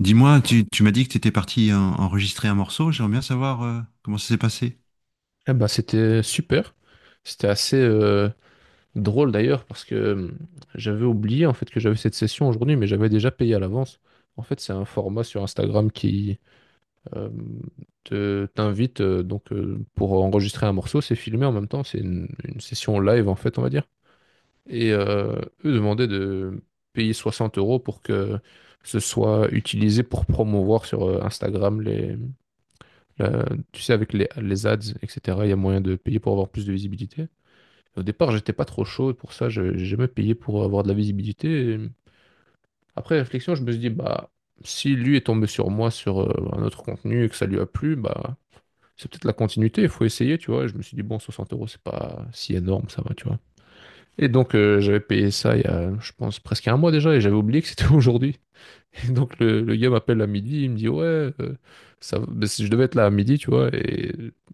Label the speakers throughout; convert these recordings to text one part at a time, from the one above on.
Speaker 1: Dis-moi, tu m'as dit que tu étais enregistrer un morceau. J'aimerais bien savoir comment ça s'est passé.
Speaker 2: C'était super. C'était assez drôle d'ailleurs parce que j'avais oublié en fait que j'avais cette session aujourd'hui, mais j'avais déjà payé à l'avance. En fait, c'est un format sur Instagram qui euh, te t'invite donc pour enregistrer un morceau, c'est filmé en même temps, c'est une session live en fait, on va dire. Et euh, eux demandaient de payer 60 euros pour que ce soit utilisé pour promouvoir sur Instagram la- tu sais, avec les ads, etc. Il y a moyen de payer pour avoir plus de visibilité. Au départ, j'étais pas trop chaud pour ça, j'ai jamais payé pour avoir de la visibilité. Après réflexion, je me suis dit, bah, si lui est tombé sur moi sur un autre contenu et que ça lui a plu, bah, c'est peut-être la continuité, il faut essayer, tu vois. Et je me suis dit, bon, 60 euros, c'est pas si énorme, ça va, tu vois. Et donc, j'avais payé ça il y a, je pense, presque un mois déjà et j'avais oublié que c'était aujourd'hui. Et donc, le gars m'appelle à midi, il me dit, ouais, euh, ben, si je devais être là à midi, tu vois. Et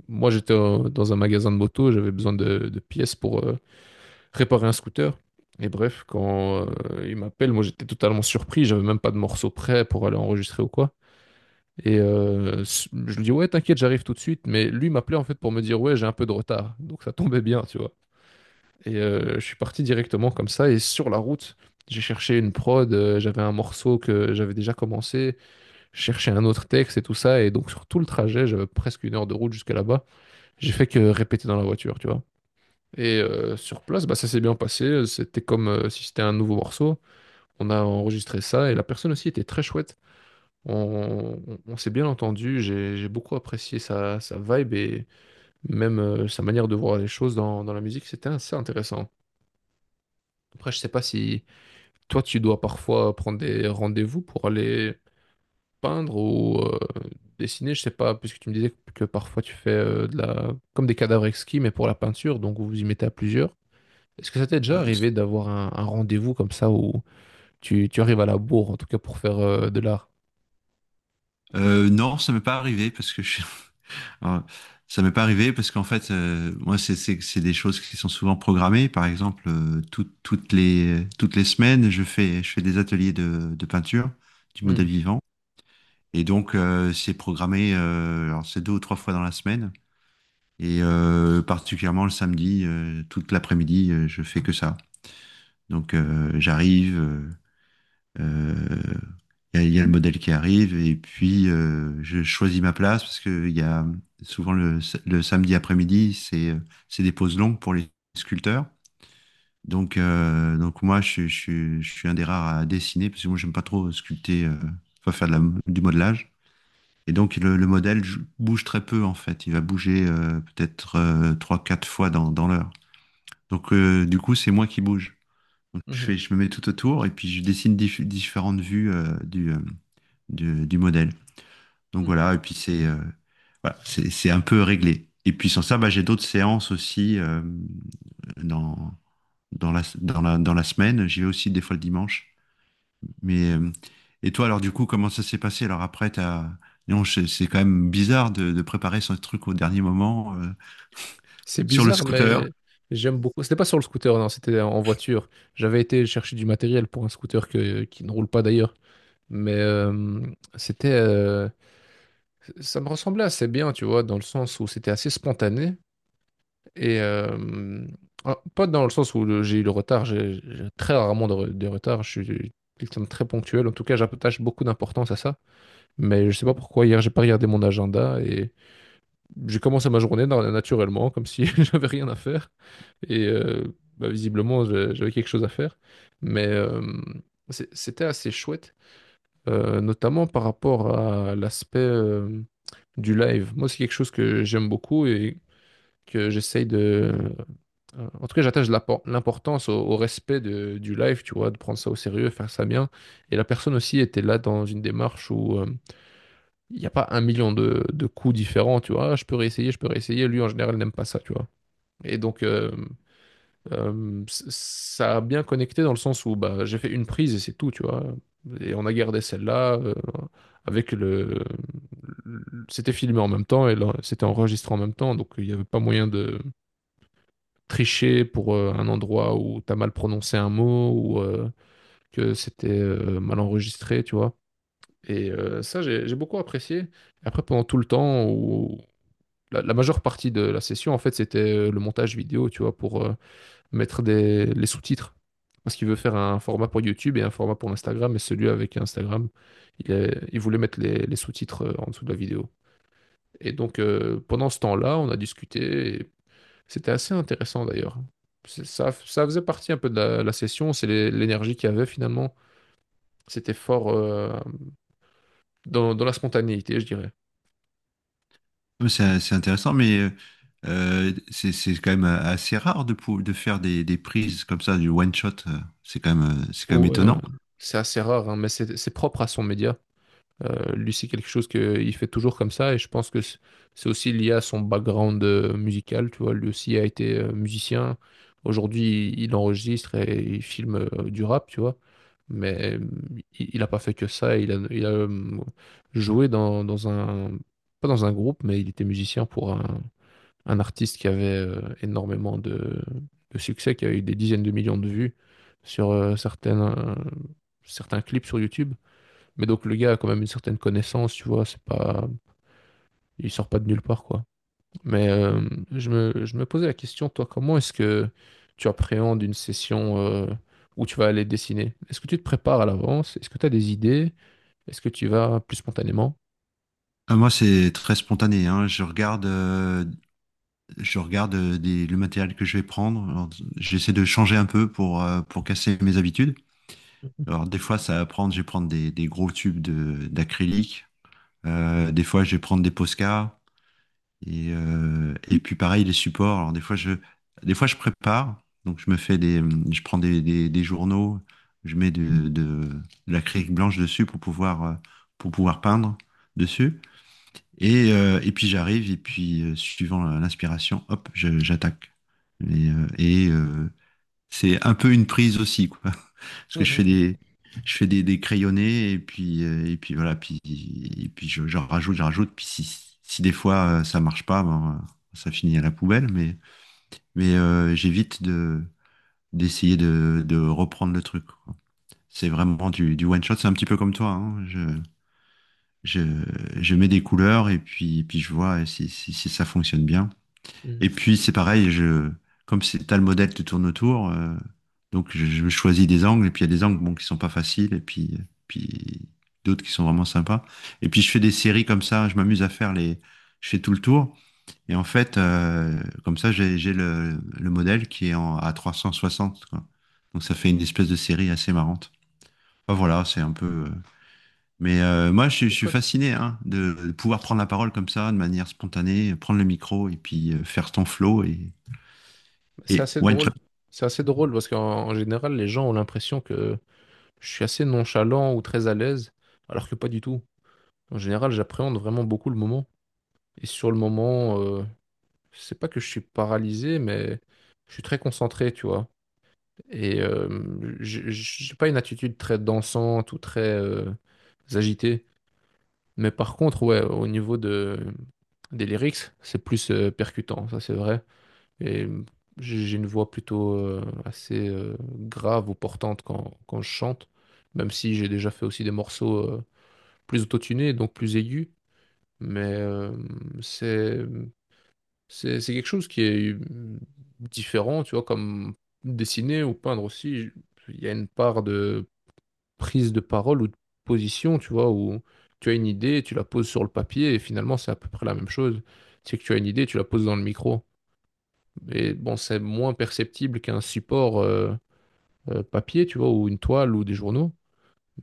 Speaker 2: moi, dans un magasin de moto, j'avais besoin de pièces pour. Réparer un scooter. Et bref, quand il m'appelle, moi j'étais totalement surpris, j'avais même pas de morceau prêt pour aller enregistrer ou quoi. Je lui dis ouais, t'inquiète, j'arrive tout de suite. Mais lui m'appelait en fait pour me dire ouais, j'ai un peu de retard. Donc ça tombait bien, tu vois. Je suis parti directement comme ça. Et sur la route, j'ai cherché une prod, j'avais un morceau que j'avais déjà commencé, je cherchais un autre texte et tout ça. Et donc sur tout le trajet, j'avais presque une heure de route jusqu'à là-bas. J'ai fait que répéter dans la voiture, tu vois. Sur place, bah, ça s'est bien passé. C'était comme si c'était un nouveau morceau. On a enregistré ça et la personne aussi était très chouette. On s'est bien entendu. J'ai beaucoup apprécié sa vibe et même sa manière de voir les choses dans la musique. C'était assez intéressant. Après, je sais pas si toi, tu dois parfois prendre des rendez-vous pour aller peindre ou dessiner. Je sais pas, puisque tu me disais que parfois tu fais de la comme des cadavres exquis, mais pour la peinture. Donc, vous vous y mettez à plusieurs. Est-ce que ça t'est déjà
Speaker 1: Euh,
Speaker 2: arrivé d'avoir un rendez-vous comme ça où tu arrives à la bourre, en tout cas pour faire de l'art?
Speaker 1: non, ça m'est pas arrivé parce que Alors, ça m'est pas arrivé parce qu'en fait, moi, c'est des choses qui sont souvent programmées. Par exemple, toutes toutes les semaines, je fais des ateliers de peinture du
Speaker 2: Hmm,
Speaker 1: modèle vivant. Et donc, c'est programmé, alors c'est deux ou trois fois dans la semaine. Et particulièrement le samedi, toute l'après-midi, je fais que ça. Donc, j'arrive. Euh, il y a le modèle qui arrive et puis je choisis ma place parce que il y a souvent le samedi après-midi, c'est des pauses longues pour les sculpteurs. Donc moi, je suis un des rares à dessiner parce que moi, j'aime pas trop sculpter, enfin du modelage. Et donc, bouge très peu en fait. Il va bouger peut-être trois, quatre fois dans l'heure. Donc, du coup, c'est moi qui bouge. Donc,
Speaker 2: mhm,
Speaker 1: je me mets tout autour et puis je différentes vues du modèle. Donc
Speaker 2: hmm.
Speaker 1: voilà, et puis c'est voilà, c'est un peu réglé. Et puis sans ça, bah, j'ai d'autres séances aussi dans, dans la semaine. J'y vais aussi des fois le dimanche. Mais, et toi, alors du coup, comment ça s'est passé? Alors après, t'as... Non, c'est quand même bizarre de préparer son truc au dernier moment
Speaker 2: C'est
Speaker 1: sur le
Speaker 2: bizarre,
Speaker 1: scooter.
Speaker 2: mais j'aime beaucoup. C'était pas sur le scooter, non, c'était en voiture. J'avais été chercher du matériel pour un scooter qui ne roule pas d'ailleurs. Mais euh, c'était, ça me ressemblait assez bien, tu vois, dans le sens où c'était assez spontané. Et euh, pas dans le sens où j'ai eu le retard, j'ai très rarement de retard. Je suis quelqu'un de très ponctuel. En tout cas, j'attache beaucoup d'importance à ça. Mais je sais pas pourquoi, hier, j'ai pas regardé mon agenda et j'ai commencé ma journée naturellement, comme si j'avais rien à faire. Et euh, bah, visiblement, j'avais quelque chose à faire. Mais euh, C'était assez chouette, notamment par rapport à l'aspect du live. Moi, c'est quelque chose que j'aime beaucoup et que j'essaye de En tout cas, j'attache l'importance au respect du live, tu vois, de prendre ça au sérieux, faire ça bien. Et la personne aussi était là dans une démarche où il n'y a pas un million de coups différents, tu vois. Ah, je peux réessayer, je peux réessayer. Lui, en général, n'aime pas ça, tu vois. Et donc, euh, Ça a bien connecté dans le sens où bah, j'ai fait une prise et c'est tout, tu vois. Et on a gardé celle-là avec le... C'était filmé en même temps et c'était enregistré en même temps, donc il n'y avait pas moyen de tricher pour un endroit où t'as mal prononcé un mot ou que c'était mal enregistré, tu vois. Ça, j'ai beaucoup apprécié. Après, pendant tout le temps où la majeure partie de la session, en fait, c'était le montage vidéo, tu vois, pour mettre les sous-titres. Parce qu'il veut faire un format pour YouTube et un format pour Instagram. Et celui avec Instagram, il voulait mettre les sous-titres en dessous de la vidéo. Et donc, pendant ce temps-là, on a discuté. C'était assez intéressant d'ailleurs. Ça, ça faisait partie un peu de la session. L'énergie qu'il y avait finalement. C'était fort dans la spontanéité, je dirais.
Speaker 1: C'est intéressant, mais c'est quand même assez rare de faire des prises comme ça, du one shot. C'est quand même
Speaker 2: Ou,
Speaker 1: étonnant.
Speaker 2: euh, c'est assez rare, hein, mais c'est propre à son média. Lui, c'est quelque chose qu'il fait toujours comme ça et je pense que c'est aussi lié à son background musical. Tu vois, lui aussi a été musicien. Aujourd'hui, il enregistre et il filme du rap, tu vois. Mais euh, il n'a pas fait que ça. Il a joué dans un Pas dans un groupe, mais il était musicien pour un artiste qui avait énormément de succès, qui a eu des dizaines de millions de vues sur certains clips sur YouTube. Mais donc le gars a quand même une certaine connaissance, tu vois, c'est pas, il sort pas de nulle part, quoi. Mais euh, je me posais la question, toi, comment est-ce que tu appréhendes une session où tu vas aller dessiner? Est-ce que tu te prépares à l'avance? Est-ce que tu as des idées? Est-ce que tu vas plus spontanément?
Speaker 1: Ah, moi, c'est très spontané, hein. Je regarde le matériel que je vais prendre. Alors, j'essaie de changer un peu pour casser mes habitudes. Alors, des fois, je vais prendre des gros tubes d'acrylique. Des fois, je vais prendre des Posca. Et puis, pareil, les supports. Alors, des fois, je prépare. Donc, je prends des journaux. Je mets de l'acrylique blanche dessus pour pouvoir peindre dessus. Et puis j'arrive, et puis suivant l'inspiration, hop, j'attaque. Et, c'est un peu une prise aussi, quoi. Parce que
Speaker 2: Mhm.
Speaker 1: je fais des crayonnés, et puis voilà, et puis j'en rajoute, j'en rajoute. Puis si des fois ça marche pas, ben, ça finit à la poubelle, mais j'évite d'essayer de reprendre le truc, quoi. C'est vraiment du one shot, c'est un petit peu comme toi, hein. Je, je mets des couleurs et puis, puis je vois si ça fonctionne bien.
Speaker 2: Mhm.
Speaker 1: Et puis c'est pareil, comme c'est t'as le modèle qui tourne autour, donc je choisis des angles et puis il y a des angles bon, qui sont pas faciles et puis, puis d'autres qui sont vraiment sympas. Et puis je fais des séries comme ça, je m'amuse à faire les, je fais tout le tour. Et en fait, comme ça, j'ai le modèle qui est en, à 360, quoi. Donc ça fait une espèce de série assez marrante. Enfin, voilà, c'est un peu. Mais moi,
Speaker 2: C'est
Speaker 1: je suis
Speaker 2: chouette.
Speaker 1: fasciné hein, de pouvoir prendre la parole comme ça, de manière spontanée, prendre le micro et puis faire ton flow
Speaker 2: C'est
Speaker 1: et
Speaker 2: assez
Speaker 1: one
Speaker 2: drôle.
Speaker 1: shot.
Speaker 2: C'est assez drôle parce qu'en en général, les gens ont l'impression que je suis assez nonchalant ou très à l'aise, alors que pas du tout. En général, j'appréhende vraiment beaucoup le moment. Et sur le moment, c'est pas que je suis paralysé, mais je suis très concentré, tu vois. Et euh, j'ai pas une attitude très dansante ou très agitée. Mais par contre, ouais, au niveau des lyrics, c'est plus percutant, ça c'est vrai. Et euh, j'ai une voix plutôt assez grave ou portante quand je chante, même si j'ai déjà fait aussi des morceaux plus autotunés, donc plus aigus. Mais euh, c'est c'est quelque chose qui est différent, tu vois, comme dessiner ou peindre aussi. Il y a une part de prise de parole ou de position, tu vois, où tu as une idée, tu la poses sur le papier et finalement c'est à peu près la même chose. C'est que tu as une idée, tu la poses dans le micro. Et bon, c'est moins perceptible qu'un support papier, tu vois, ou une toile ou des journaux.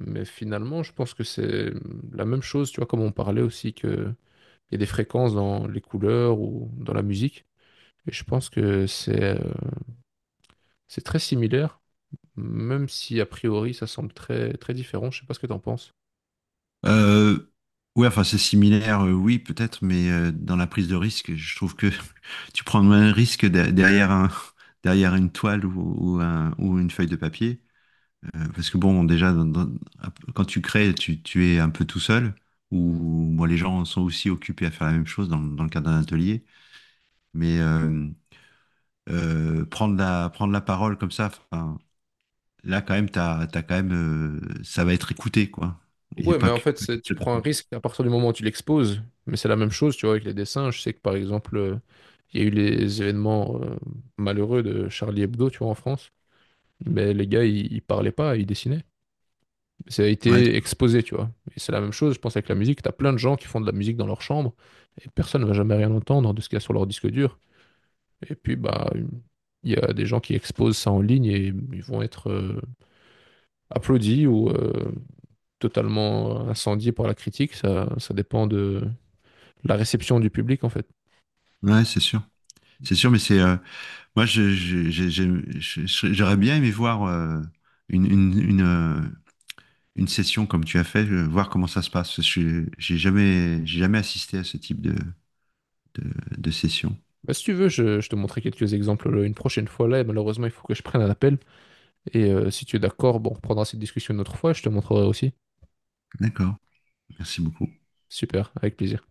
Speaker 2: Mais finalement, je pense que c'est la même chose, tu vois, comme on parlait aussi que il y a des fréquences dans les couleurs ou dans la musique. Et je pense que c'est très similaire, même si a priori ça semble très, très différent. Je sais pas ce que t'en penses.
Speaker 1: Euh, ouais, enfin, c'est similaire, oui, peut-être, mais dans la prise de risque, je trouve que tu prends moins de risque derrière un, derrière une toile ou, ou une feuille de papier. Parce que bon, déjà, quand tu crées, tu es un peu tout seul, ou moi, les gens sont aussi occupés à faire la même chose dans, dans le cadre d'un atelier. Mais, prendre la parole comme ça, enfin, là, quand même, t'as quand même, ça va être écouté, quoi. Et
Speaker 2: Ouais, mais
Speaker 1: pas
Speaker 2: en
Speaker 1: que,
Speaker 2: fait,
Speaker 1: pas qu'une
Speaker 2: tu
Speaker 1: seule
Speaker 2: prends un
Speaker 1: personne.
Speaker 2: risque à partir du moment où tu l'exposes. Mais c'est la même chose, tu vois, avec les dessins. Je sais que par exemple, il y a eu les événements malheureux de Charlie Hebdo, tu vois, en France. Mais les gars, ils parlaient pas, ils dessinaient. Ça a
Speaker 1: Ouais,
Speaker 2: été exposé, tu vois. Et c'est la même chose, je pense, avec la musique. T'as plein de gens qui font de la musique dans leur chambre et personne ne va jamais rien entendre de ce qu'il y a sur leur disque dur. Et puis, bah, il y a des gens qui exposent ça en ligne et ils vont être applaudis ou totalement incendiés par la critique. Ça dépend de la réception du public, en fait.
Speaker 1: ouais, c'est sûr. C'est sûr, mais c'est, moi, j'aurais bien aimé voir une, une session comme tu as fait, voir comment ça se passe. Je suis- j'ai jamais assisté à ce type de, de session.
Speaker 2: Bah, si tu veux, je te montrerai quelques exemples une prochaine fois là. Et malheureusement, il faut que je prenne un appel. Si tu es d'accord, bon, on reprendra cette discussion une autre fois et je te montrerai aussi.
Speaker 1: D'accord. Merci beaucoup.
Speaker 2: Super, avec plaisir.